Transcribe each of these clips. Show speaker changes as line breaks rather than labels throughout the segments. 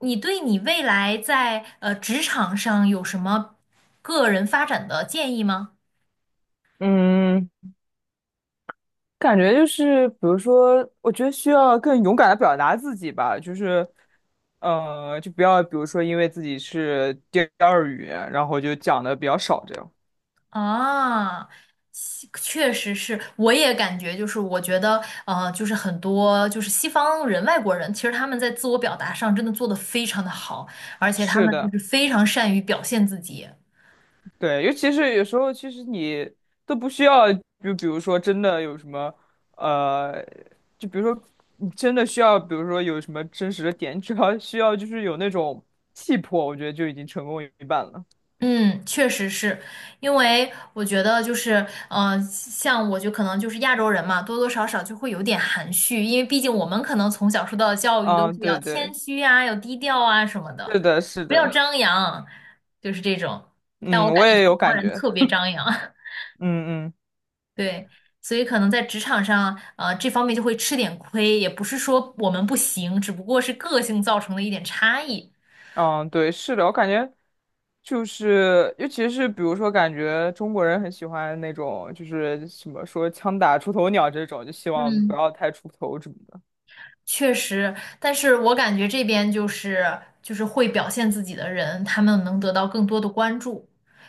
你对你未来在职场上有什么个人发展的建议吗？
嗯，感觉就是，比如说，我觉得需要更勇敢的表达自己吧，就是，就不要，比如说，因为自己是第二语言，然后就讲的比较少这样。
啊，西确实是，我也感觉就是，我觉得就是很多就是西方人、外国人，其实他们在自我表达上真的做得非常的好，而且他
是
们就
的，
是非常善于表现自己。
对，尤其是有时候，其实你都不需要，就比如说，真的有什么，呃，就比如说，你真的需要，比如说有什么真实的点，只要需要就是有那种气魄，我觉得就已经成功一半了。
嗯，确实是，因为我觉得就是，像我就可能就是亚洲人嘛，多多少少就会有点含蓄，因为毕竟我们可能从小受到的教育都
啊，
是要
对
谦
对，
虚啊，要低调啊什么的，
是的，是
不要
的。
张扬，就是这种。但我
嗯，
感
我
觉
也
西
有
方
感
人
觉，
特别张扬，
嗯嗯
对，所以可能在职场上，这方面就会吃点亏，也不是说我们不行，只不过是个性造成的一点差异。
嗯，对，是的，我感觉就是，尤其是比如说，感觉中国人很喜欢那种，就是什么说“枪打出头鸟”这种，就希望不
嗯，
要太出头什么的。
确实，但是我感觉这边就是就是会表现自己的人，他们能得到更多的关注，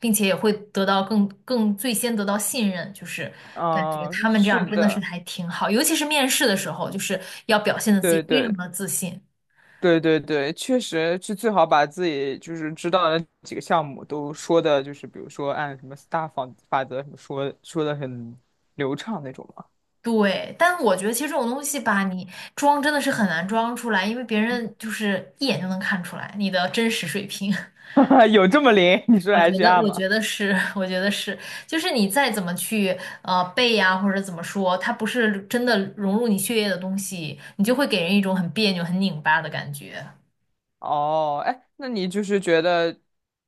并且也会得到更最先得到信任，就是感觉他
嗯，
们这
是
样真的是
的，
还挺好，尤其是面试的时候，就是要表现的自己
对
非
对
常的自信。
对对对，确实是最好把自己就是知道的几个项目都说的，就是比如说按什么 STAR 法则什么说说的很流畅那种嘛。
对，但我觉得其实这种东西吧，你装真的是很难装出来，因为别人就是一眼就能看出来你的真实水平。
有这么灵？你说
我觉得，
HR
我
吗？
觉得是，我觉得是，就是你再怎么去背呀、或者怎么说，它不是真的融入你血液的东西，你就会给人一种很别扭、很拧巴的感觉。
哦，哎，那你就是觉得，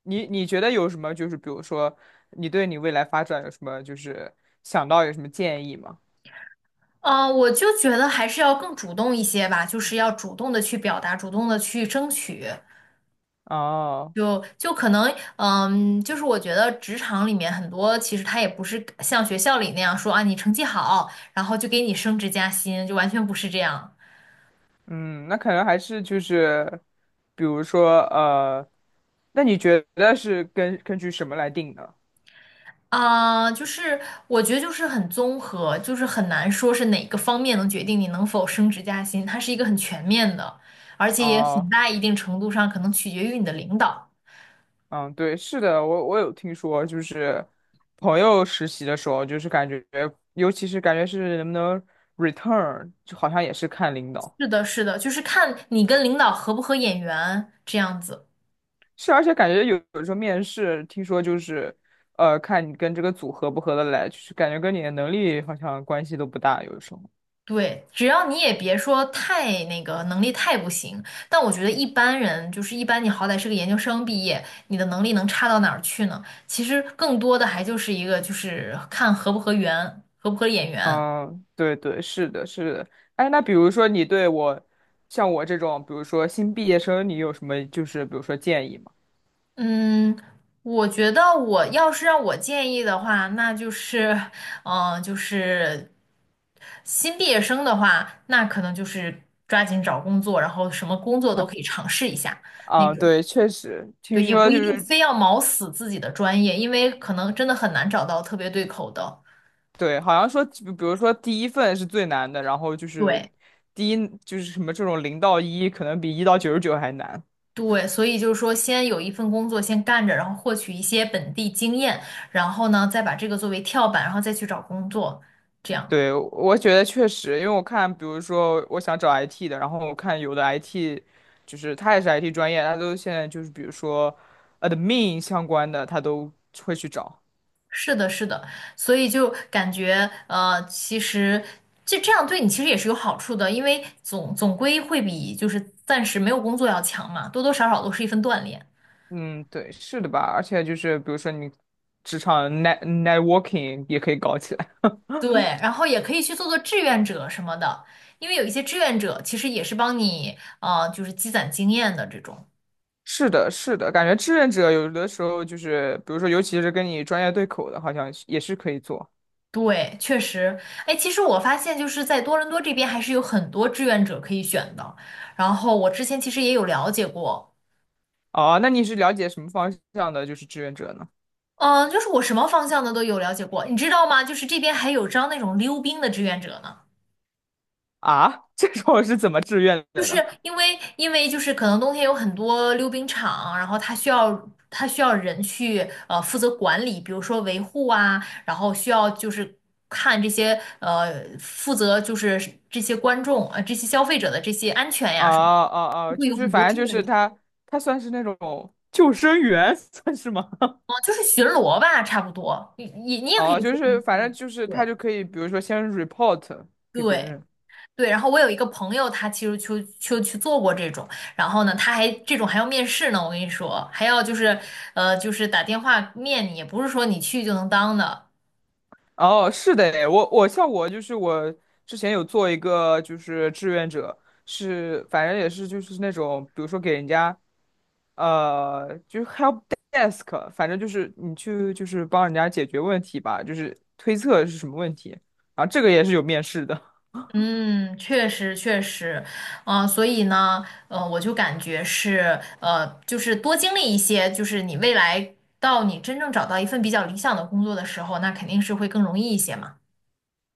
你觉得有什么？就是比如说，你对你未来发展有什么？就是想到有什么建议吗？
啊，我就觉得还是要更主动一些吧，就是要主动的去表达，主动的去争取。
哦，
就可能，嗯，就是我觉得职场里面很多，其实他也不是像学校里那样说啊，你成绩好，然后就给你升职加薪，就完全不是这样。
嗯，那可能还是就是，比如说，那你觉得是根据什么来定的？
啊，就是我觉得就是很综合，就是很难说是哪个方面能决定你能否升职加薪，它是一个很全面的，而且也很
哦，
大一定程度上可能取决于你的领导。
嗯，对，是的，我有听说，就是朋友实习的时候，就是感觉，尤其是感觉是能不能 return,就好像也是看领导。
是的，是的，就是看你跟领导合不合眼缘这样子。
是，而且感觉有时候面试，听说就是，看你跟这个组合不合得来，就是感觉跟你的能力好像关系都不大，有时候。
对，只要你也别说太那个能力太不行，但我觉得一般人就是一般，你好歹是个研究生毕业，你的能力能差到哪儿去呢？其实更多的还就是一个就是看合不合缘，合不合眼缘。
嗯，对对，是的，是的。哎，那比如说你对我，像我这种，比如说新毕业生，你有什么就是比如说建议吗？
嗯，我觉得我要是让我建议的话，那就是，嗯、就是新毕业生的话，那可能就是抓紧找工作，然后什么工作都可以 尝试一下那
啊，
种。
对，确实，听
对，也
说
不
就
一定
是
非要卯死自己的专业，因为可能真的很难找到特别对口的。
对，好像说，比如说第一份是最难的，然后就是
对
第一就是什么这种零到一，可能比一到99还难。
对，所以就是说，先有一份工作先干着，然后获取一些本地经验，然后呢，再把这个作为跳板，然后再去找工作，这样。
对，我觉得确实，因为我看，比如说我想找 IT 的，然后我看有的 IT,就是他也是 IT 专业，他都现在就是比如说 admin 相关的，他都会去找。
是的，是的，所以就感觉其实就这样对你其实也是有好处的，因为总总归会比就是暂时没有工作要强嘛，多多少少都是一份锻炼。
嗯，对，是的吧？而且就是比如说你职场 networking 也可以搞起来。
对，然后也可以去做做志愿者什么的，因为有一些志愿者其实也是帮你就是积攒经验的这种。
是的，是的，感觉志愿者有的时候就是，比如说尤其是跟你专业对口的，好像也是可以做。
对，确实，哎，其实我发现就是在多伦多这边还是有很多志愿者可以选的，然后我之前其实也有了解过。
哦，那你是了解什么方向的，就是志愿者呢？
嗯，就是我什么方向的都有了解过，你知道吗？就是这边还有招那种溜冰的志愿者呢，
啊，这种是怎么志愿
就
的
是
呢？
因为就是可能冬天有很多溜冰场，然后他需要人去负责管理，比如说维护啊，然后需要就是看这些负责就是这些观众这些消费者的这些安全
哦
呀什么
哦
的，就
哦，
会
就
有
是
很多
反正
志
就
愿
是
者，
他，他算是那种救生员，算是吗？
嗯，就是巡逻吧，差不多，你也可
哦，
以
就
说，
是反正
嗯，
就是他
对
就可以，比如说先 report 给别
对。
人。
对，然后我有一个朋友，他其实就去做过这种，然后呢，他还这种还要面试呢，我跟你说，还要就是就是打电话面你，也不是说你去就能当的。
哦，是的诶，我像我就是我之前有做一个就是志愿者，是反正也是就是那种，比如说给人家就是 help desk,反正就是你去就是帮人家解决问题吧，就是推测是什么问题，然后这个也是有面试的。
嗯，确实确实，嗯、所以呢，我就感觉是就是多经历一些，就是你未来到你真正找到一份比较理想的工作的时候，那肯定是会更容易一些嘛。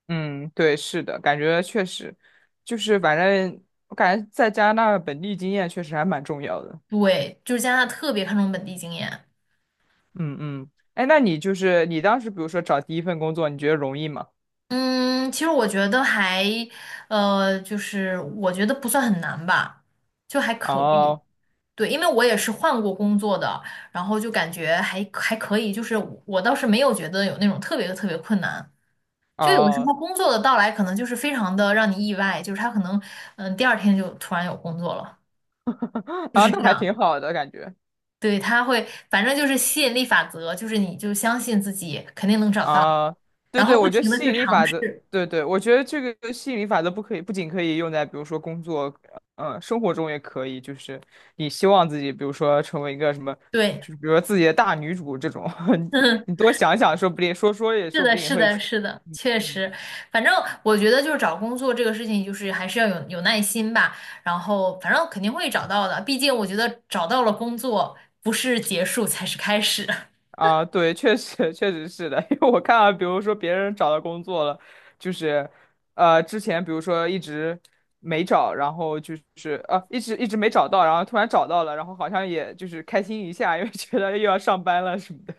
嗯，对，是的，感觉确实，就是反正我感觉在加拿大本地经验确实还蛮重要的。
对，就是加拿大特别看重本地经验。
嗯嗯，哎，那你就是你当时比如说找第一份工作，你觉得容易吗？
嗯，其实我觉得还，就是我觉得不算很难吧，就还可以。
哦
对，因为我也是换过工作的，然后就感觉还还可以，就是我倒是没有觉得有那种特别特别困难。就有的时
哦
候工作的到来可能就是非常的让你意外，就是他可能嗯第二天就突然有工作了，就
啊，
是
那
这
还
样。
挺好的感觉。
对，他会反正就是吸引力法则，就是你就相信自己肯定能找到，
啊，对
然
对，
后不
我觉得
停的
吸
去
引力
尝
法则，
试。
对对，我觉得这个吸引力法则不可以，不仅可以用在比如说工作，嗯，生活中也可以，就是你希望自己，比如说成为一个什么，
对。
就是比如说自己的大女主这种，你多想想，说不定说说也
是
说不
的，
定也
是
会
的，
成，
是的，
嗯
确
嗯
实，反正我觉得就是找工作这个事情，就是还是要有耐心吧。然后，反正肯定会找到的，毕竟我觉得找到了工作，不是结束才是开始。
啊，对，确实确实是的，因为我看到，比如说别人找到工作了，就是，之前比如说一直没找，然后就是一直一直没找到，然后突然找到了，然后好像也就是开心一下，因为觉得又要上班了什么的。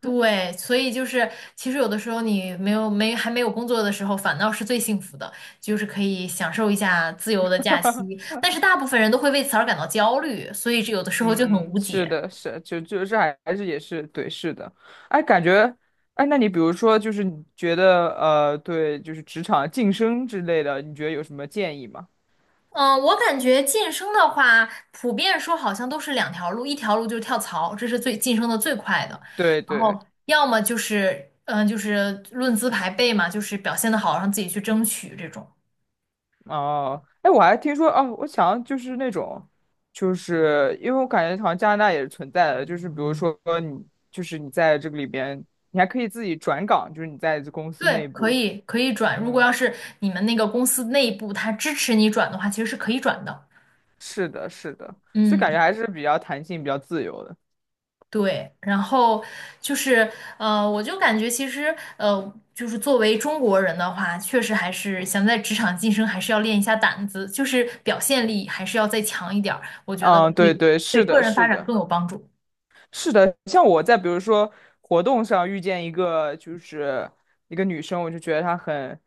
对，所以就是其实有的时候你没有没还没有工作的时候，反倒是最幸福的，就是可以享受一下自由的假期。但是大部分人都会为此而感到焦虑，所以这有的时候就很
嗯
无
嗯，是
解。
的，是，就是还是也是对，是的。哎，感觉，哎，那你比如说，就是你觉得对，就是职场晋升之类的，你觉得有什么建议吗？
嗯，我感觉晋升的话，普遍说好像都是两条路，一条路就是跳槽，这是最晋升的最快的，
对
然
对。
后要么就是，嗯，就是论资排辈嘛，就是表现的好，让自己去争取这种。
哦，哎，我还听说哦，我想就是那种，就是因为我感觉好像加拿大也是存在的，就是比如说你，就是你在这个里边，你还可以自己转岗，就是你在公司
对，
内
可
部，
以可以转，如果
嗯，
要是你们那个公司内部他支持你转的话，其实是可以转的。
是的，是的，所以感觉
嗯。
还是比较弹性、比较自由的。
对，然后就是我就感觉其实就是作为中国人的话，确实还是想在职场晋升，还是要练一下胆子，就是表现力还是要再强一点儿，我觉得会
嗯，对对，
对
是
个
的，
人发
是
展
的。
更有帮助。
是的，像我在比如说活动上遇见一个就是一个女生，我就觉得她很，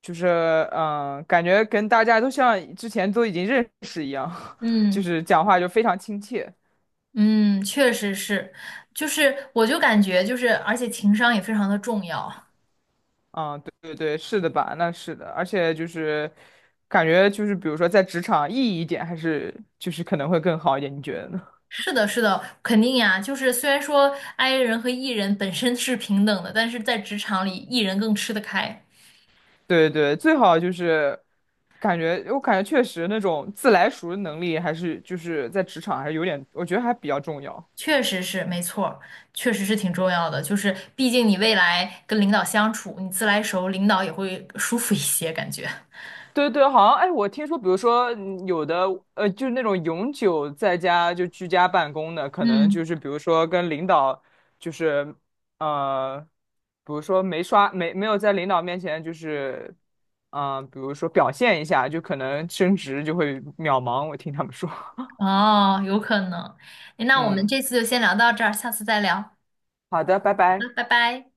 就是感觉跟大家都像之前都已经认识一样，就
嗯
是讲话就非常亲切。
嗯，确实是，就是我就感觉就是，而且情商也非常的重要。
嗯，对对对，是的吧？那是的，而且就是感觉就是比如说在职场意义一点，还是就是可能会更好一点，你觉得呢？
是的，是的，肯定呀。就是虽然说 i 人和 e 人本身是平等的，但是在职场里，e 人更吃得开。
对对，最好就是感觉，我感觉确实那种自来熟的能力，还是就是在职场还是有点，我觉得还比较重要。
确实是，没错儿，确实是挺重要的。就是毕竟你未来跟领导相处，你自来熟，领导也会舒服一些，感觉。
对对，好像哎，我听说，比如说有的就是那种永久在家就居家办公的，可能
嗯，
就是比如说跟领导，就是呃，比如说没刷没没有在领导面前就是比如说表现一下，就可能升职就会渺茫。我听他们说，
哦，有可能。那我们
嗯，
这次就先聊到这儿，下次再聊。
好的，拜
好
拜。
的，拜拜。